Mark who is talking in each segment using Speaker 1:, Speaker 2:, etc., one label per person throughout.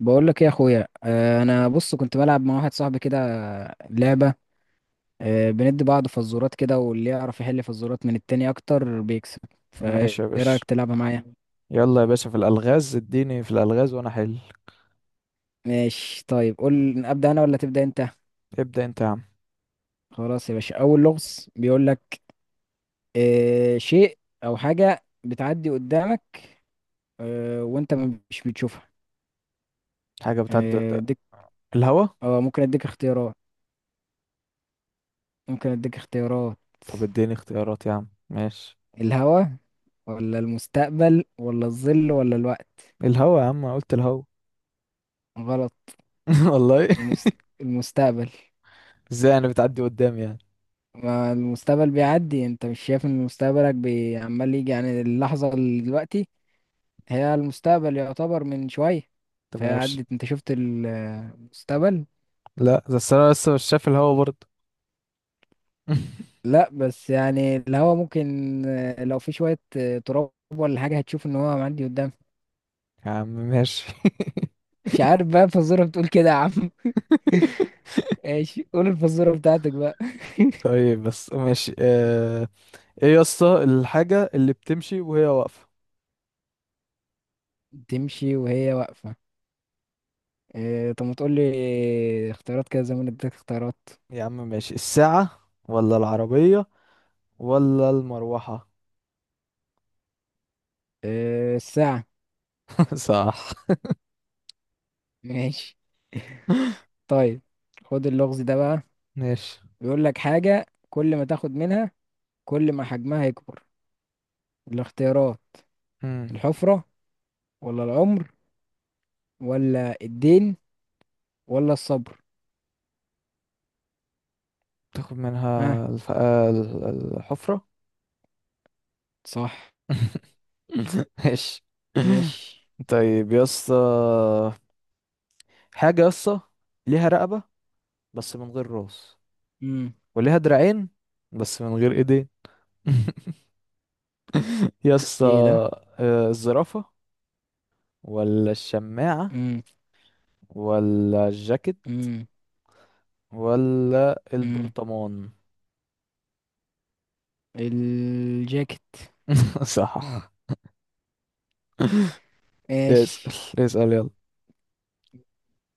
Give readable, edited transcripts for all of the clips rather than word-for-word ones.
Speaker 1: بقول لك ايه يا اخويا؟ انا بص كنت بلعب مع واحد صاحبي كده. لعبه. بندي بعض فزورات كده، واللي يعرف يحل فزورات من التاني اكتر بيكسب. فايه
Speaker 2: ماشي يا
Speaker 1: رايك
Speaker 2: باشا.
Speaker 1: تلعبها معايا؟
Speaker 2: يلا يا باشا، في الألغاز اديني في الألغاز وأنا حل.
Speaker 1: ماشي، طيب، قول: ابدا انا ولا تبدا انت؟
Speaker 2: ابدأ أنت يا عم.
Speaker 1: خلاص يا باشا، اول لغز بيقول لك: شيء او حاجه بتعدي قدامك، وانت مش بتشوفها.
Speaker 2: حاجة بتعدي قدام،
Speaker 1: اديك.
Speaker 2: الهوا.
Speaker 1: اه، ممكن اديك اختيارات. ممكن اديك اختيارات.
Speaker 2: طب اديني اختيارات يا عم، ماشي.
Speaker 1: الهوا، ولا المستقبل، ولا الظل، ولا الوقت؟
Speaker 2: الهوا. يا عم أنا قلت الهوا.
Speaker 1: غلط.
Speaker 2: والله.
Speaker 1: المس- المستقبل.
Speaker 2: ازاي أنا بتعدي قدامي يعني؟
Speaker 1: ما المستقبل بيعدي، انت مش شايف ان مستقبلك عمال يجي، يعني اللحظة اللي دلوقتي هي المستقبل، يعتبر من شوية.
Speaker 2: طب
Speaker 1: فهي
Speaker 2: أنا مش،
Speaker 1: عدت، انت شفت المستقبل.
Speaker 2: لا ده أصل أنا لسه مش شايف الهوا برضه.
Speaker 1: لا بس يعني الهوا ممكن، لو في شوية تراب ولا حاجة هتشوف ان هو معدي قدام.
Speaker 2: يا عم ماشي.
Speaker 1: مش عارف بقى، الفزورة بتقول كده يا عم. ايش، قول الفزورة بتاعتك بقى.
Speaker 2: طيب بس ماشي، ايه يا اسطى الحاجة اللي بتمشي وهي واقفة؟
Speaker 1: تمشي وهي واقفة؟ طب ما تقول لي اختيارات كده، زي ما أنا اديتك اختيارات.
Speaker 2: يا عم ماشي، الساعة ولا العربية ولا المروحة.
Speaker 1: الساعة.
Speaker 2: صح.
Speaker 1: ماشي، طيب، خد اللغز ده بقى.
Speaker 2: ماشي.
Speaker 1: بيقول لك: حاجة كل ما تاخد منها كل ما حجمها يكبر. الاختيارات:
Speaker 2: مم.
Speaker 1: الحفرة، ولا العمر، ولا الدين، ولا الصبر؟
Speaker 2: تاخد
Speaker 1: ها؟
Speaker 2: منها الف... آه، ال- ال- الحفرة.
Speaker 1: صح.
Speaker 2: ماشي.
Speaker 1: ماشي.
Speaker 2: طيب يا اسطى، حاجة يا اسطى ليها رقبة بس من غير راس،
Speaker 1: امم.
Speaker 2: وليها دراعين بس من غير ايدين. يا اسطى،
Speaker 1: ايه ده؟
Speaker 2: الزرافة ولا الشماعة
Speaker 1: امم.
Speaker 2: ولا الجاكيت
Speaker 1: امم.
Speaker 2: ولا
Speaker 1: امم.
Speaker 2: البرطمان.
Speaker 1: الجاكيت.
Speaker 2: صح. اسأل،
Speaker 1: ماشي.
Speaker 2: اسأل يلا.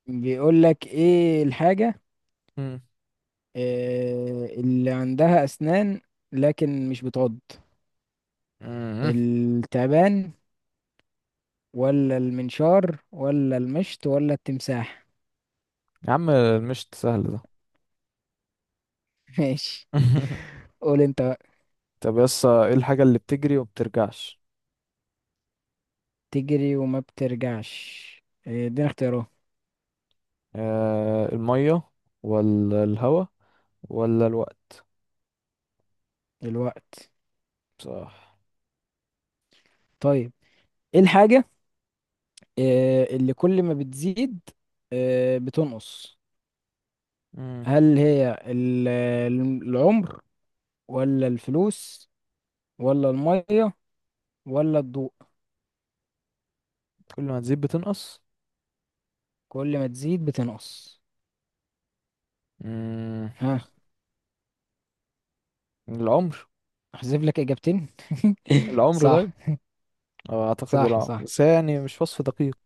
Speaker 1: بيقول لك: ايه الحاجة
Speaker 2: مم.
Speaker 1: اللي عندها اسنان لكن مش بتعض؟
Speaker 2: مم.
Speaker 1: التعبان، ولا المنشار، ولا المشط، ولا التمساح؟
Speaker 2: يا عم المشت سهل ده.
Speaker 1: ماشي، قول انت بقى.
Speaker 2: طب يس ايه الحاجة اللي بتجري ومبترجعش؟
Speaker 1: تجري وما بترجعش؟ إيه، ادينا اختيارات.
Speaker 2: آه المية ولا الهوا ولا الوقت.
Speaker 1: الوقت.
Speaker 2: صح.
Speaker 1: طيب، ايه الحاجة إيه، اللي كل ما بتزيد إيه، بتنقص؟
Speaker 2: مم.
Speaker 1: هل هي العمر، ولا الفلوس، ولا المية، ولا الضوء؟
Speaker 2: كل ما تزيد بتنقص.
Speaker 1: كل ما تزيد بتنقص.
Speaker 2: مم.
Speaker 1: ها؟
Speaker 2: العمر.
Speaker 1: احذف لك اجابتين.
Speaker 2: العمر
Speaker 1: صح.
Speaker 2: طيب، اعتقد
Speaker 1: صح،
Speaker 2: العمر،
Speaker 1: صح.
Speaker 2: بس هي يعني مش وصف دقيق.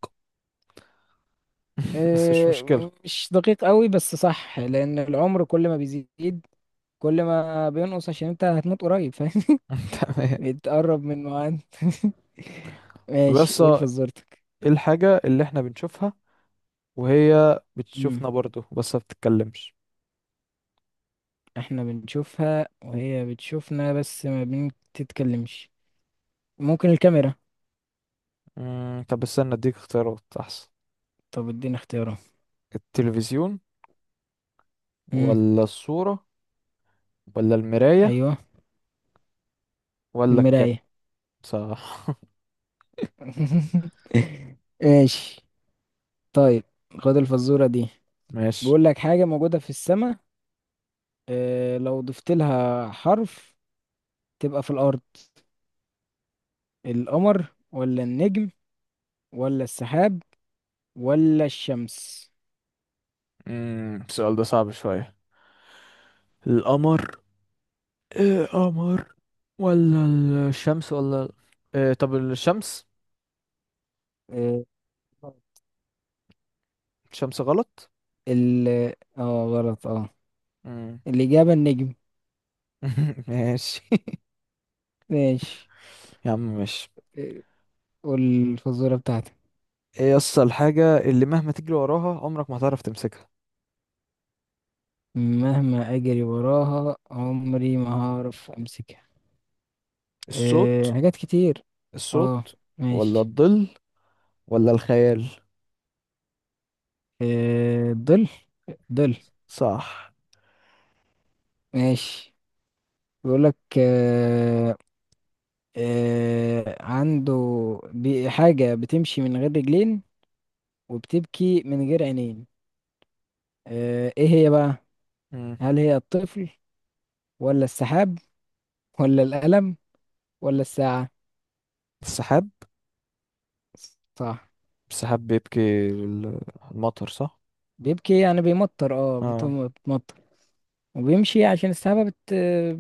Speaker 2: بس مش مشكلة.
Speaker 1: مش دقيق قوي، بس صح، لان العمر كل ما بيزيد كل ما بينقص، عشان انت هتموت قريب، فاهم؟
Speaker 2: تمام.
Speaker 1: بتقرب من ميعاد.
Speaker 2: طب
Speaker 1: ماشي،
Speaker 2: يس
Speaker 1: قول
Speaker 2: ايه
Speaker 1: فزورتك.
Speaker 2: الحاجة اللي احنا بنشوفها وهي
Speaker 1: امم.
Speaker 2: بتشوفنا برضو بس ما بتتكلمش.
Speaker 1: احنا بنشوفها وهي بتشوفنا بس ما بنتتكلمش. ممكن الكاميرا؟
Speaker 2: مم. طب استنى اديك اختيارات احسن.
Speaker 1: طب ادينا اختيارات.
Speaker 2: التلفزيون
Speaker 1: امم.
Speaker 2: ولا الصورة ولا المراية
Speaker 1: ايوه.
Speaker 2: ولا الكاميرا.
Speaker 1: المراية.
Speaker 2: صح.
Speaker 1: ماشي، طيب، خد الفزورة دي.
Speaker 2: ماشي.
Speaker 1: بيقول لك: حاجة موجودة في السماء، اه لو ضفت لها حرف تبقى في الأرض. القمر، ولا النجم، ولا السحاب، ولا الشمس؟
Speaker 2: امم، السؤال ده صعب شوية. القمر، ايه قمر، ولا الشمس ولا إيه، طب الشمس.
Speaker 1: آه،
Speaker 2: الشمس غلط.
Speaker 1: ال اه، غلط، اه.
Speaker 2: امم.
Speaker 1: الإجابة النجم.
Speaker 2: ماشي.
Speaker 1: ماشي.
Speaker 2: يا عم ماشي،
Speaker 1: آه، والفزورة بتاعتي:
Speaker 2: ايه اصل الحاجة اللي مهما تجري وراها عمرك ما هتعرف تمسكها؟
Speaker 1: مهما أجري وراها عمري ما هعرف أمسكها؟ أه،
Speaker 2: الصوت.
Speaker 1: حاجات كتير. اه،
Speaker 2: الصوت ولا
Speaker 1: ماشي.
Speaker 2: الظل ولا الخيال.
Speaker 1: ظل. ظل.
Speaker 2: صح.
Speaker 1: ماشي. بيقولك أه أه عنده حاجة بتمشي من غير رجلين، وبتبكي من غير عينين، ايه هي بقى؟
Speaker 2: امم.
Speaker 1: هل هي الطفل، ولا السحاب، ولا القلم، ولا الساعة؟
Speaker 2: السحاب.
Speaker 1: صح.
Speaker 2: السحاب بيبكي المطر، صح.
Speaker 1: بيبكي يعني بيمطر، اه،
Speaker 2: اه،
Speaker 1: بتمطر. وبيمشي عشان السحابة بت...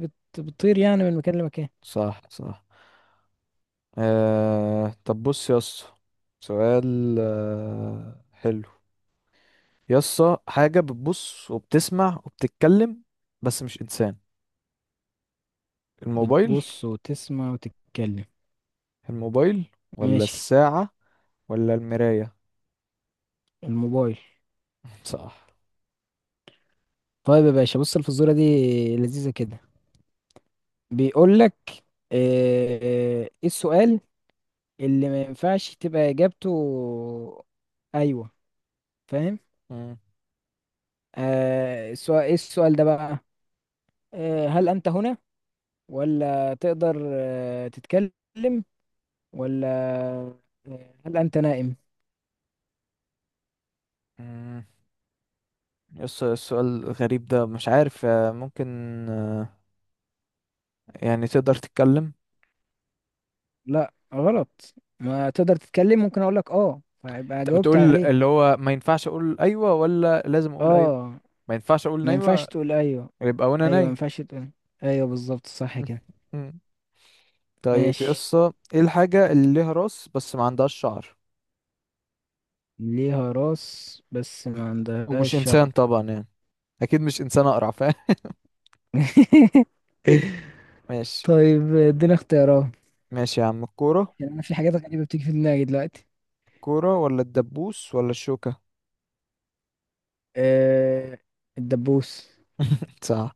Speaker 1: بت... بتطير، يعني من مكان لمكان.
Speaker 2: صح صح. طب بص يا اسطى، سؤال حلو. يا اسطى، حاجة بتبص وبتسمع وبتتكلم بس مش إنسان. الموبايل.
Speaker 1: بتبص وتسمع وتتكلم.
Speaker 2: الموبايل ولا
Speaker 1: ماشي.
Speaker 2: الساعة ولا المراية.
Speaker 1: الموبايل.
Speaker 2: صح.
Speaker 1: طيب يا باشا، بص الفزورة دي، لذيذة كده. بيقول لك: ايه السؤال اللي ما ينفعش تبقى اجابته ايوه، فاهم؟
Speaker 2: مم.
Speaker 1: آه السؤال ايه السؤال ده بقى؟ هل انت هنا، ولا تقدر تتكلم، ولا هل انت نائم؟
Speaker 2: مم. يا اسطى السؤال غريب ده، مش عارف، ممكن آه، يعني تقدر تتكلم؟
Speaker 1: لا، غلط. ما تقدر تتكلم، ممكن اقول لك اه، فيبقى
Speaker 2: انت
Speaker 1: جاوبت
Speaker 2: بتقول
Speaker 1: عليه.
Speaker 2: اللي هو ما ينفعش اقول ايوه ولا لازم اقول ايوه؟
Speaker 1: اه.
Speaker 2: ما ينفعش اقول
Speaker 1: ما
Speaker 2: نايمه،
Speaker 1: ينفعش تقول ايوه.
Speaker 2: يبقى وانا
Speaker 1: ايوه، ما
Speaker 2: نايم.
Speaker 1: ينفعش تقول ايوه بالظبط، صح كده.
Speaker 2: طيب
Speaker 1: ماشي.
Speaker 2: يسا ايه الحاجة اللي ليها راس بس ما عندهاش شعر،
Speaker 1: ليها راس بس ما عندهاش
Speaker 2: ومش
Speaker 1: شعر.
Speaker 2: انسان طبعا يعني؟ اكيد مش انسان اقرع، فاهم؟ ماشي.
Speaker 1: طيب، ادينا اختيارات.
Speaker 2: ماشي يا عم، الكورة.
Speaker 1: يعني انا في حاجات غريبة بتيجي في دماغي دلوقتي.
Speaker 2: الكورة ولا الدبوس ولا الشوكة.
Speaker 1: آه الدبوس.
Speaker 2: صح.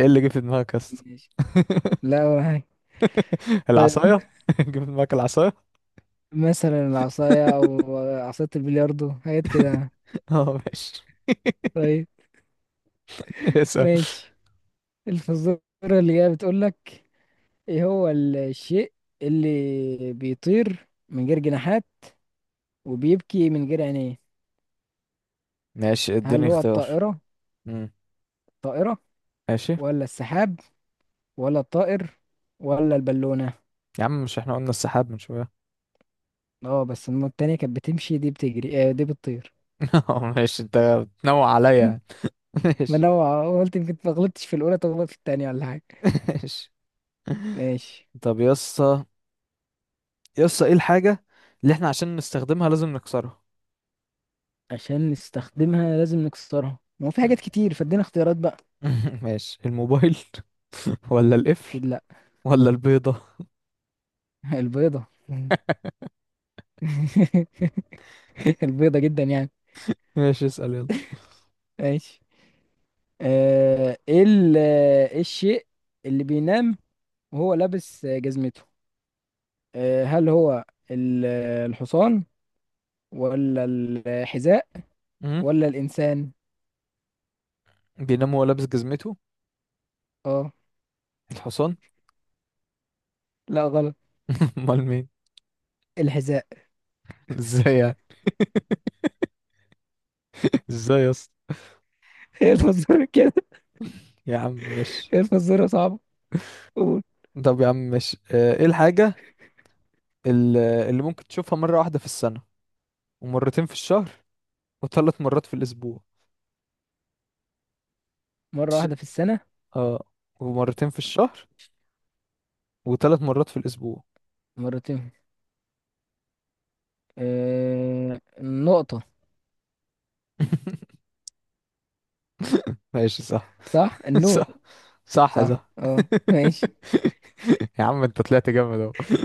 Speaker 2: ايه اللي جه في دماغك يسا؟
Speaker 1: ماشي. لا، ولا حاجة. طيب،
Speaker 2: العصاية. جه في دماغك العصاية.
Speaker 1: مثلا العصاية أو عصاية البلياردو، حاجات كده.
Speaker 2: اه ماشي.
Speaker 1: طيب.
Speaker 2: اسأل.
Speaker 1: ماشي. الفزورة اللي جاية بتقولك: إيه هو الشيء اللي بيطير من غير جناحات وبيبكي من غير عينيه؟
Speaker 2: ماشي
Speaker 1: هل
Speaker 2: اديني
Speaker 1: هو
Speaker 2: اختيار.
Speaker 1: الطائرة
Speaker 2: امم.
Speaker 1: الطائرة
Speaker 2: ماشي.
Speaker 1: ولا السحاب، ولا الطائر، ولا البالونة؟
Speaker 2: يا عم مش احنا قلنا السحاب من شوية؟
Speaker 1: اه بس التانية كانت بتمشي، دي بتجري، دي بتطير.
Speaker 2: ماشي، انت بتنوع عليا.
Speaker 1: ما
Speaker 2: ماشي.
Speaker 1: انا قلت يمكن ما غلطتش في الاولى، طب غلطت في التانية ولا حاجة؟
Speaker 2: ماشي.
Speaker 1: ماشي.
Speaker 2: طب يسا، يسا ايه الحاجة اللي احنا عشان نستخدمها لازم نكسرها؟
Speaker 1: عشان نستخدمها لازم نكسرها؟ ما هو في
Speaker 2: مم.
Speaker 1: حاجات كتير، فادينا اختيارات بقى.
Speaker 2: ماشي، الموبايل ولا القفل
Speaker 1: اكيد لا.
Speaker 2: ولا البيضة.
Speaker 1: البيضة؟ البيضة جدا يعني.
Speaker 2: ماشي اسأل يلا.
Speaker 1: ماشي. آه، ايه ال- آه، إيه الشيء اللي بينام وهو لابس جزمته؟ هل هو الحصان، ولا الحذاء،
Speaker 2: مم؟
Speaker 1: ولا الإنسان؟
Speaker 2: بينام وهو لابس جزمته؟
Speaker 1: اه،
Speaker 2: الحصان.
Speaker 1: لا، غلط.
Speaker 2: امال مين؟
Speaker 1: الحذاء.
Speaker 2: ازاي يعني؟ ازاي يا اسطى؟
Speaker 1: ايه الفزورة كده؟
Speaker 2: يا عم ماشي.
Speaker 1: ايه الفزورة صعبة. قول.
Speaker 2: طب يا عم ماشي، ايه الحاجة اللي ممكن تشوفها مرة واحدة في السنة ومرتين في الشهر وثلاث مرات في الأسبوع؟
Speaker 1: مرة
Speaker 2: الش...
Speaker 1: واحدة في السنة.
Speaker 2: اه، ومرتين في الشهر وثلاث مرات في الأسبوع.
Speaker 1: مرتين؟ النقطة.
Speaker 2: ماشي صح.
Speaker 1: صح، النور.
Speaker 2: صح صح.
Speaker 1: صح،
Speaker 2: صح.
Speaker 1: اه، ماشي.
Speaker 2: يا عم انت طلعت جامد اهو.